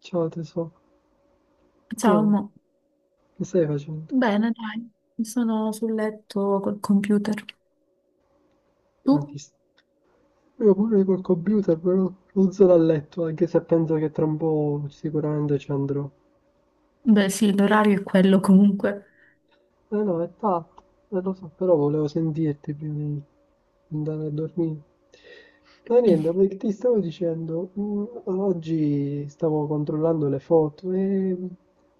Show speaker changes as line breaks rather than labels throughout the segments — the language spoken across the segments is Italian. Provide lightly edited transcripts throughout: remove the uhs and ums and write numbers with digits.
Ciao tesoro, come
Ciao,
va?
mo.
Che stai facendo?
Bene, dai, sono sul letto col computer.
Non
Tu?
ti st- Io pure col computer, però non sono a letto, anche se penso che tra un po' sicuramente ci andrò.
Beh, sì, l'orario è quello comunque.
Eh no, è tatto, lo so, però volevo sentirti prima di andare a dormire. Ma niente,
Mm.
perché ti stavo dicendo, oggi stavo controllando le foto e ho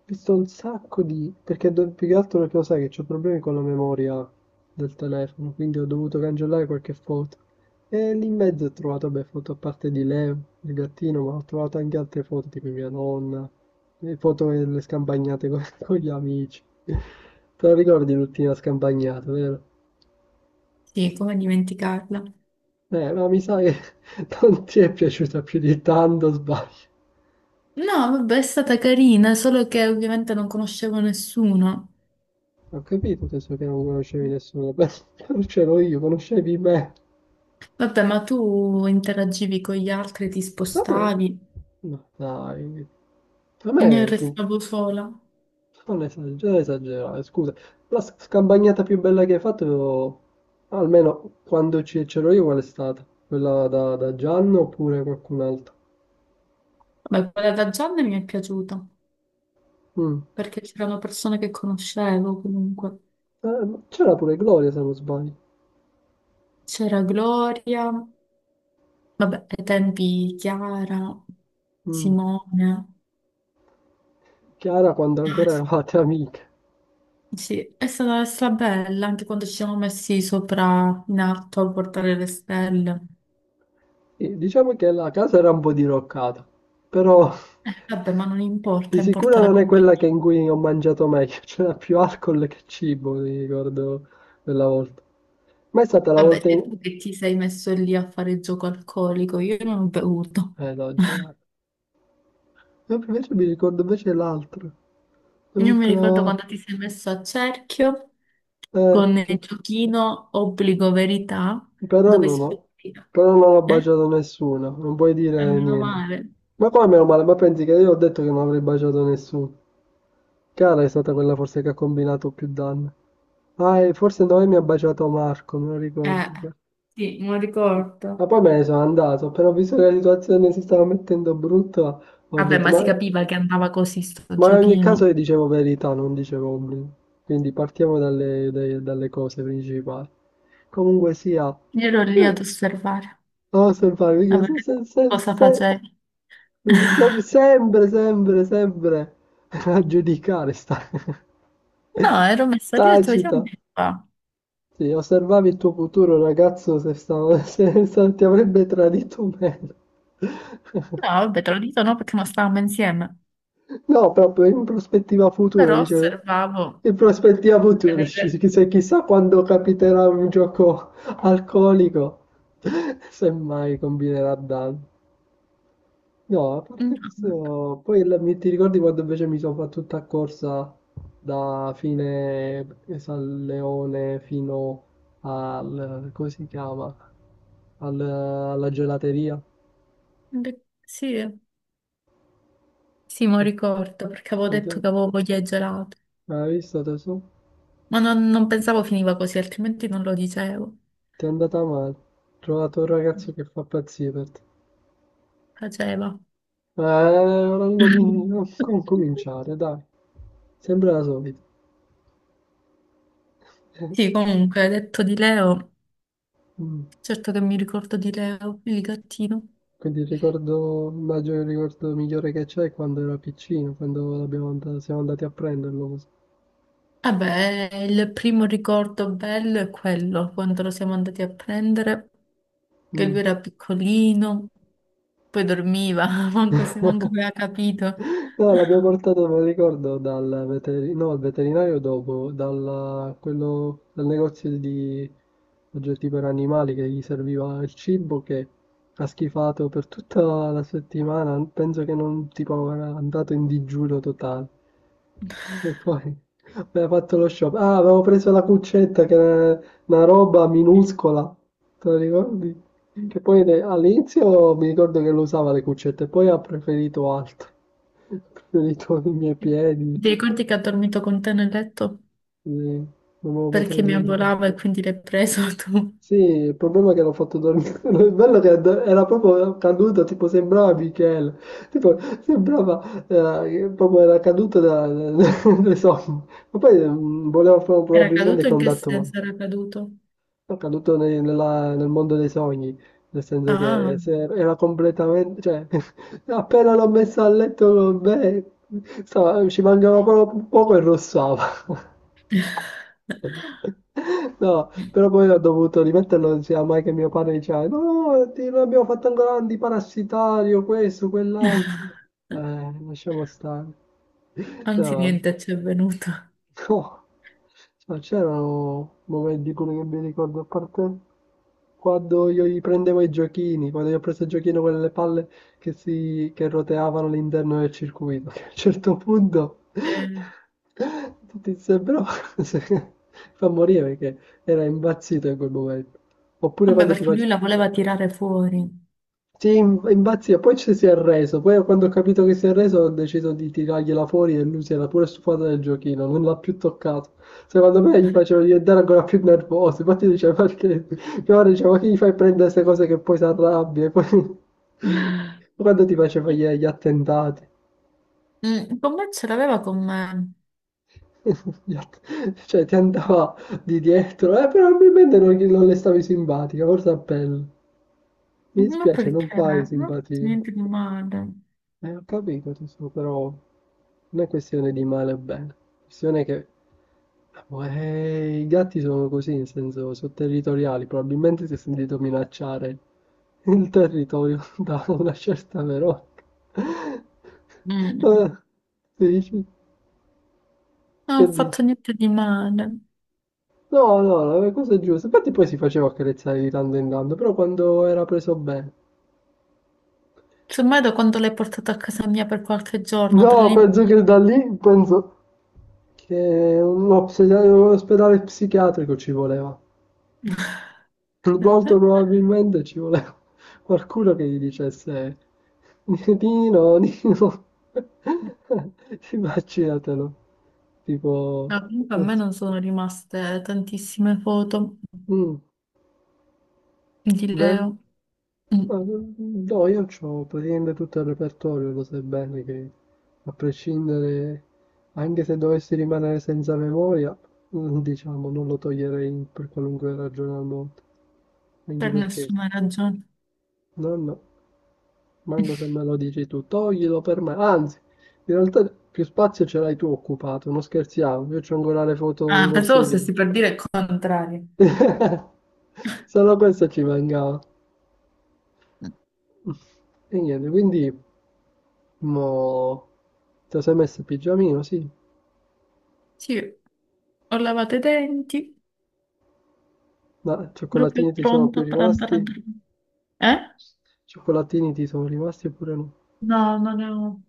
visto un sacco di... più che altro perché lo sai che ho problemi con la memoria del telefono, quindi ho dovuto cancellare qualche foto. E lì in mezzo ho trovato, beh, foto a parte di Leo, il gattino, ma ho trovato anche altre foto, tipo mia nonna, le foto delle scampagnate con, con gli amici. Te lo ricordi l'ultima scampagnata, vero?
Sì, come dimenticarla.
No, mi sa che non ti è piaciuta più di tanto, sbaglio.
No, vabbè, è stata carina, solo che ovviamente non conoscevo nessuno.
Ho capito adesso che non conoscevi nessuno, beh, conoscevo io, conoscevi me.
Vabbè, ma tu interagivi con gli altri, ti
Vabbè,
spostavi,
no, dai, a
io
me, sì,
restavo sola.
non esagerare, esagerare, scusa. La scampagnata più bella che hai fatto, almeno quando c'ero io, qual è stata? Quella da, da Gianno oppure qualcun altro?
Vabbè, quella da Gianni mi è piaciuta,
Mm.
perché c'erano persone che conoscevo comunque.
Ma c'era pure Gloria, se non sbaglio.
C'era Gloria. Vabbè, ai tempi Chiara,
Mm.
Simone,
Chiara quando ancora
ah,
eravate amiche.
sì, è stata bella anche quando ci siamo messi sopra in alto a portare le stelle.
Sì, diciamo che la casa era un po' diroccata, però
Vabbè, ma non
di
importa, importa
sicuro
la
non è
compagnia.
quella che in cui ho mangiato meglio, c'era più alcol che cibo, mi ricordo quella volta. Ma è stata la
Vabbè,
volta
sei
in...
tu che ti sei messo lì a fare gioco alcolico, io non ho bevuto.
No, girato. Invece mi ricordo invece l'altro,
Io mi ricordo
l'altro...
quando ti sei messo a cerchio con il
Che...
giochino obbligo verità,
però
dove
non
si...
ho, però non ho
Eh?
baciato nessuno, non puoi
E
dire
meno
niente.
male.
Ma come meno male, ma pensi che io ho detto che non avrei baciato nessuno? Cara è stata quella forse che ha combinato più danni. Ah, e forse Noemi mi ha baciato Marco, me lo
Eh,
ricordo.
sì, me lo
Ma
ricordo.
poi me ne sono andato, però ho visto che la situazione si stava mettendo brutta, ho
Vabbè,
detto,
ma si capiva che andava così sto
ma in ogni caso io
giochino.
dicevo verità, non dicevo obblighi. Quindi partiamo dalle, dalle cose principali. Comunque sia,
Io ero lì ad
eh,
osservare,
no, se,
a
se,
vedere
se, se,
cosa
se,
facevi.
sempre, sempre, sempre a giudicare sta
No, ero messa lì e ho detto, vediamo
tacita.
che fa. No,
Sì, osservavi il tuo futuro ragazzo se, se ti avrebbe tradito o meno.
vabbè, te lo dico no perché non stavamo insieme.
No, proprio in prospettiva futura,
Però
dice.
osservavo
In prospettiva
per
futura,
vedere.
chissà, chissà quando capiterà un gioco alcolico, se mai combinerà danno. No, a
Mm,
parte questo, poi ti ricordi quando invece mi sono fatto tutta corsa da fine San Leone fino al, come si chiama? Alla gelateria.
beh, sì, sì, me lo
E-
ricordo perché avevo
e
detto
te-
che avevo voglia di gelato.
Hai visto tesoro?
Ma non pensavo finiva così, altrimenti non lo dicevo.
Ti è andata male. Ho trovato un ragazzo che fa pazzie per te.
Faceva.
Non, cominciare, dai. Sempre la solita.
Sì, comunque, detto di Leo.
Mm.
Certo che mi ricordo di Leo, il gattino.
Quindi il ricordo, immagino il ricordo migliore che c'è è quando era piccino, quando siamo andati a prenderlo così.
Vabbè, il primo ricordo bello è quello, quando lo siamo andati a prendere, che
Mm.
lui era piccolino, poi dormiva, manco, manco aveva capito.
No, l'abbiamo portato, me lo ricordo, dal veterinario, no, al veterinario dopo, dal, quello, dal negozio di oggetti per animali che gli serviva il cibo che ha schifato per tutta la settimana, penso che non tipo era andato in digiuno totale. E poi aveva fatto lo shopping. Ah, avevo preso la cuccetta che era una roba minuscola, te lo ricordi?
Ti
Che poi all'inizio mi ricordo che lo usava le cuccette, poi ha preferito altro. Ha preferito i miei piedi,
ricordi che ha dormito con te nel letto?
quindi non me lo potrò
Perché mi
dimenticare.
avvolava e quindi l'hai preso tu.
Sì, il problema è che l'ho fatto dormire. Il bello è che era proprio caduto, tipo sembrava Michele. Tipo, sembrava, che proprio era caduto da, dai sogni. Ma poi voleva
Era
probabilmente
caduto? In che
contatto umano.
senso era caduto?
Ho caduto nel mondo dei sogni, nel senso che
Ah,
se era completamente, cioè, appena l'ho messa a letto con me, ci mancava poco e rossava. No, però poi ho dovuto rimetterlo, non sia mai che mio padre diceva, no, non abbiamo fatto ancora l'antiparasitario, questo, quell'altro. Lasciamo stare.
anzi
No.
niente ci è venuto.
No, ma c'erano momenti quelli che mi ricordo, a parte quando io gli prendevo i giochini, quando io ho preso il giochino con le palle che, si, che roteavano all'interno del circuito, che a un certo punto
Eh.
tutti sembrava fa morire perché era impazzito in quel momento. Oppure
Vabbè,
quando ti
perché lui
facevo...
la voleva tirare fuori.
Sì, impazzia, poi ci si è arreso, poi quando ho capito che si è arreso ho deciso di tirargliela fuori e lui si era pure stufato del giochino, non l'ha più toccato. Secondo me gli faceva diventare ancora più nervoso, infatti diceva perché, mia madre diceva, ma che gli fai prendere queste cose che poi si arrabbia, e poi quando ti faceva gli attentati,
Mm, con me ce l'aveva con me.
Gli att- cioè ti andava di dietro, però probabilmente non le stavi simpatica, forse a pelle. Mi
Ma
dispiace, non
perché?
fai
Non ho fatto
simpatia.
niente di male.
Ho capito, tesoro, però... Non è questione di male o bene, è questione che i gatti sono così, nel senso, sono territoriali, probabilmente si è sentito minacciare il territorio da una certa Veronica. Eh,
Mm.
Dici?
Non ho
Che
fatto
dici?
niente di male.
No, no, no, le cose giuste. Infatti poi si faceva accarezzare di tanto in tanto, però quando era preso bene.
Semmai da quando l'hai portato a casa mia per qualche giorno, da
No,
lì in
penso che
poi.
da lì, penso che un ospedale psichiatrico ci voleva. Molto probabilmente ci voleva qualcuno che gli dicesse: Nino, Nino, immaginatelo, tipo,
No, comunque a
non
me
so,
non sono rimaste tantissime foto
mm,
di
vero?
Leo. Mm,
Ma, no, io ho praticamente tutto il repertorio, lo sai bene che a prescindere, anche se dovessi rimanere senza memoria, diciamo, non lo toglierei per qualunque ragione al mondo, anche
per
perché,
nessuna ragione.
no, no. Manco se me lo dici tu, toglilo per me. Anzi, in realtà più spazio ce l'hai tu occupato, non scherziamo. Io c'ho ancora le foto dei
Ah, pensavo
nostri
stessi
viaggi.
per dire il contrario.
Solo questo ci mancava. E niente, quindi mo ti sei messo il pigiamino, sì.
Sì, ho lavato i denti,
Ma
proprio
cioccolatini ti sono più
pronta per andare a
rimasti?
dormire. Eh?
Cioccolatini ti sono rimasti oppure no?
No, non ne ho.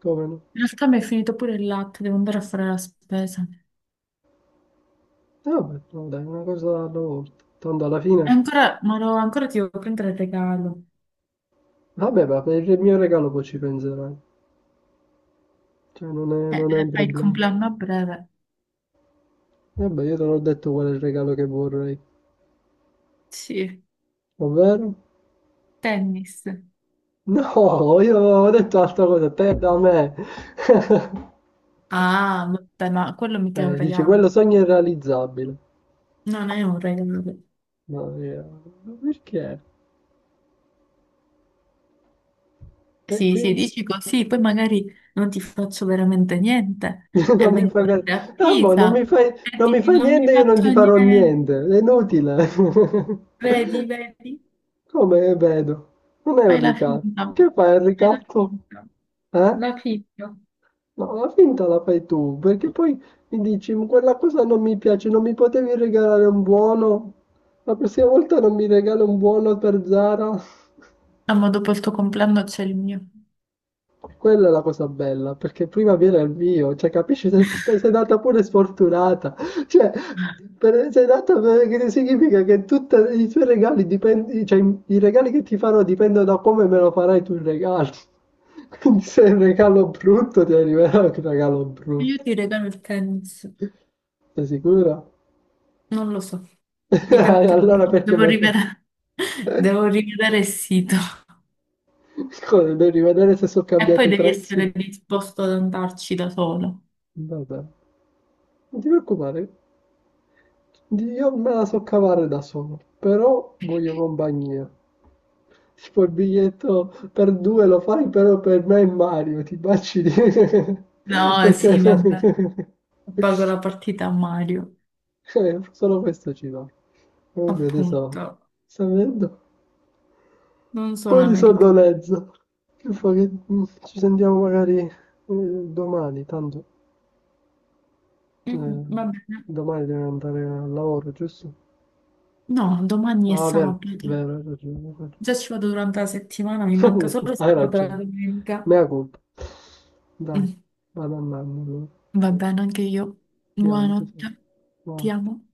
Come no?
In realtà mi è finito pure il latte, devo andare a fare la spesa.
E vabbè, no, dai, una cosa alla volta. Tanto alla
E
fine,
ancora, ma no, ancora ti devo prendere il regalo.
vabbè, ma per il mio regalo poi ci penserai. Cioè, non è un
Fai il
problema.
compleanno a breve.
Vabbè, io te l'ho detto qual è il regalo che vorrei.
Sì.
Ovvero?
Tennis.
No, io ho detto altra cosa, te da me.
Ah, vabbè, ma quello mica è un
Dici,
regalo.
quello sogno è irrealizzabile.
Non è un regalo.
Ma perché? E
Sì, sì,
quindi
dici così, poi magari non ti faccio veramente niente e
non mi
vengo
fai
da
per...
te a
Ah, boh, non
Pisa
mi fai...
e
non mi
dici
fai
non mi hai
niente, io non ti
fatto
farò
niente,
niente. È inutile.
vedi, vedi.
Come vedo? Non è
Fai
un
la
ricatto.
finta,
Che fai, il
fai la
ricatto?
finta.
Eh?
La figlio.
No, la finta la fai tu, perché poi mi dici, "Ma quella cosa non mi piace, non mi potevi regalare un buono? La prossima volta non mi regalo un buono per Zara?"
Ah, ma dopo il tuo compleanno c'è il mio.
Quella è la cosa bella, perché prima viene il mio, cioè capisci, sei, sei nata pure sfortunata, cioè per, sei nata perché significa che tutti i tuoi regali dipendono, cioè i regali che ti farò dipendono da come me lo farai tu il regalo, quindi se è un regalo brutto ti arriverà un regalo
Io
brutto,
ti regalo il tennis.
sei sicura?
Non lo so. Diventerà
Allora
molto.
perché
Devo
me lo...
rivedere, devo rivedere il sito.
Scusa, devo rivedere se sono
E
cambiati
poi
i
devi
prezzi.
essere disposto ad andarci da solo.
Vabbè, non ti preoccupare, io me la so cavare da solo, però voglio compagnia. Tipo il biglietto per due lo fai, però per me e Mario, ti baci di...
No,
Perché...
sì, vabbè. Pago la partita a Mario,
Solo questo ci va. Comunque adesso
appunto.
sta vedendo un
Non
po'
sono
di
americana.
sonnolenza. Che fa che- Ci sentiamo magari domani, tanto...
Mm, mm,
Eh,
va bene.
domani devi andare al lavoro, giusto?
No, domani è
Ah, vero,
sabato.
vero, hai ragione.
Già ci vado durante la settimana, mi manca
Vero.
solo
Hai
sabato e la
ragione.
domenica.
Mea colpa. Dai,
Mm,
vado andando. Allora.
va bene, anche io.
Ti amo, tesoro.
Buonanotte,
Ciao.
ti amo.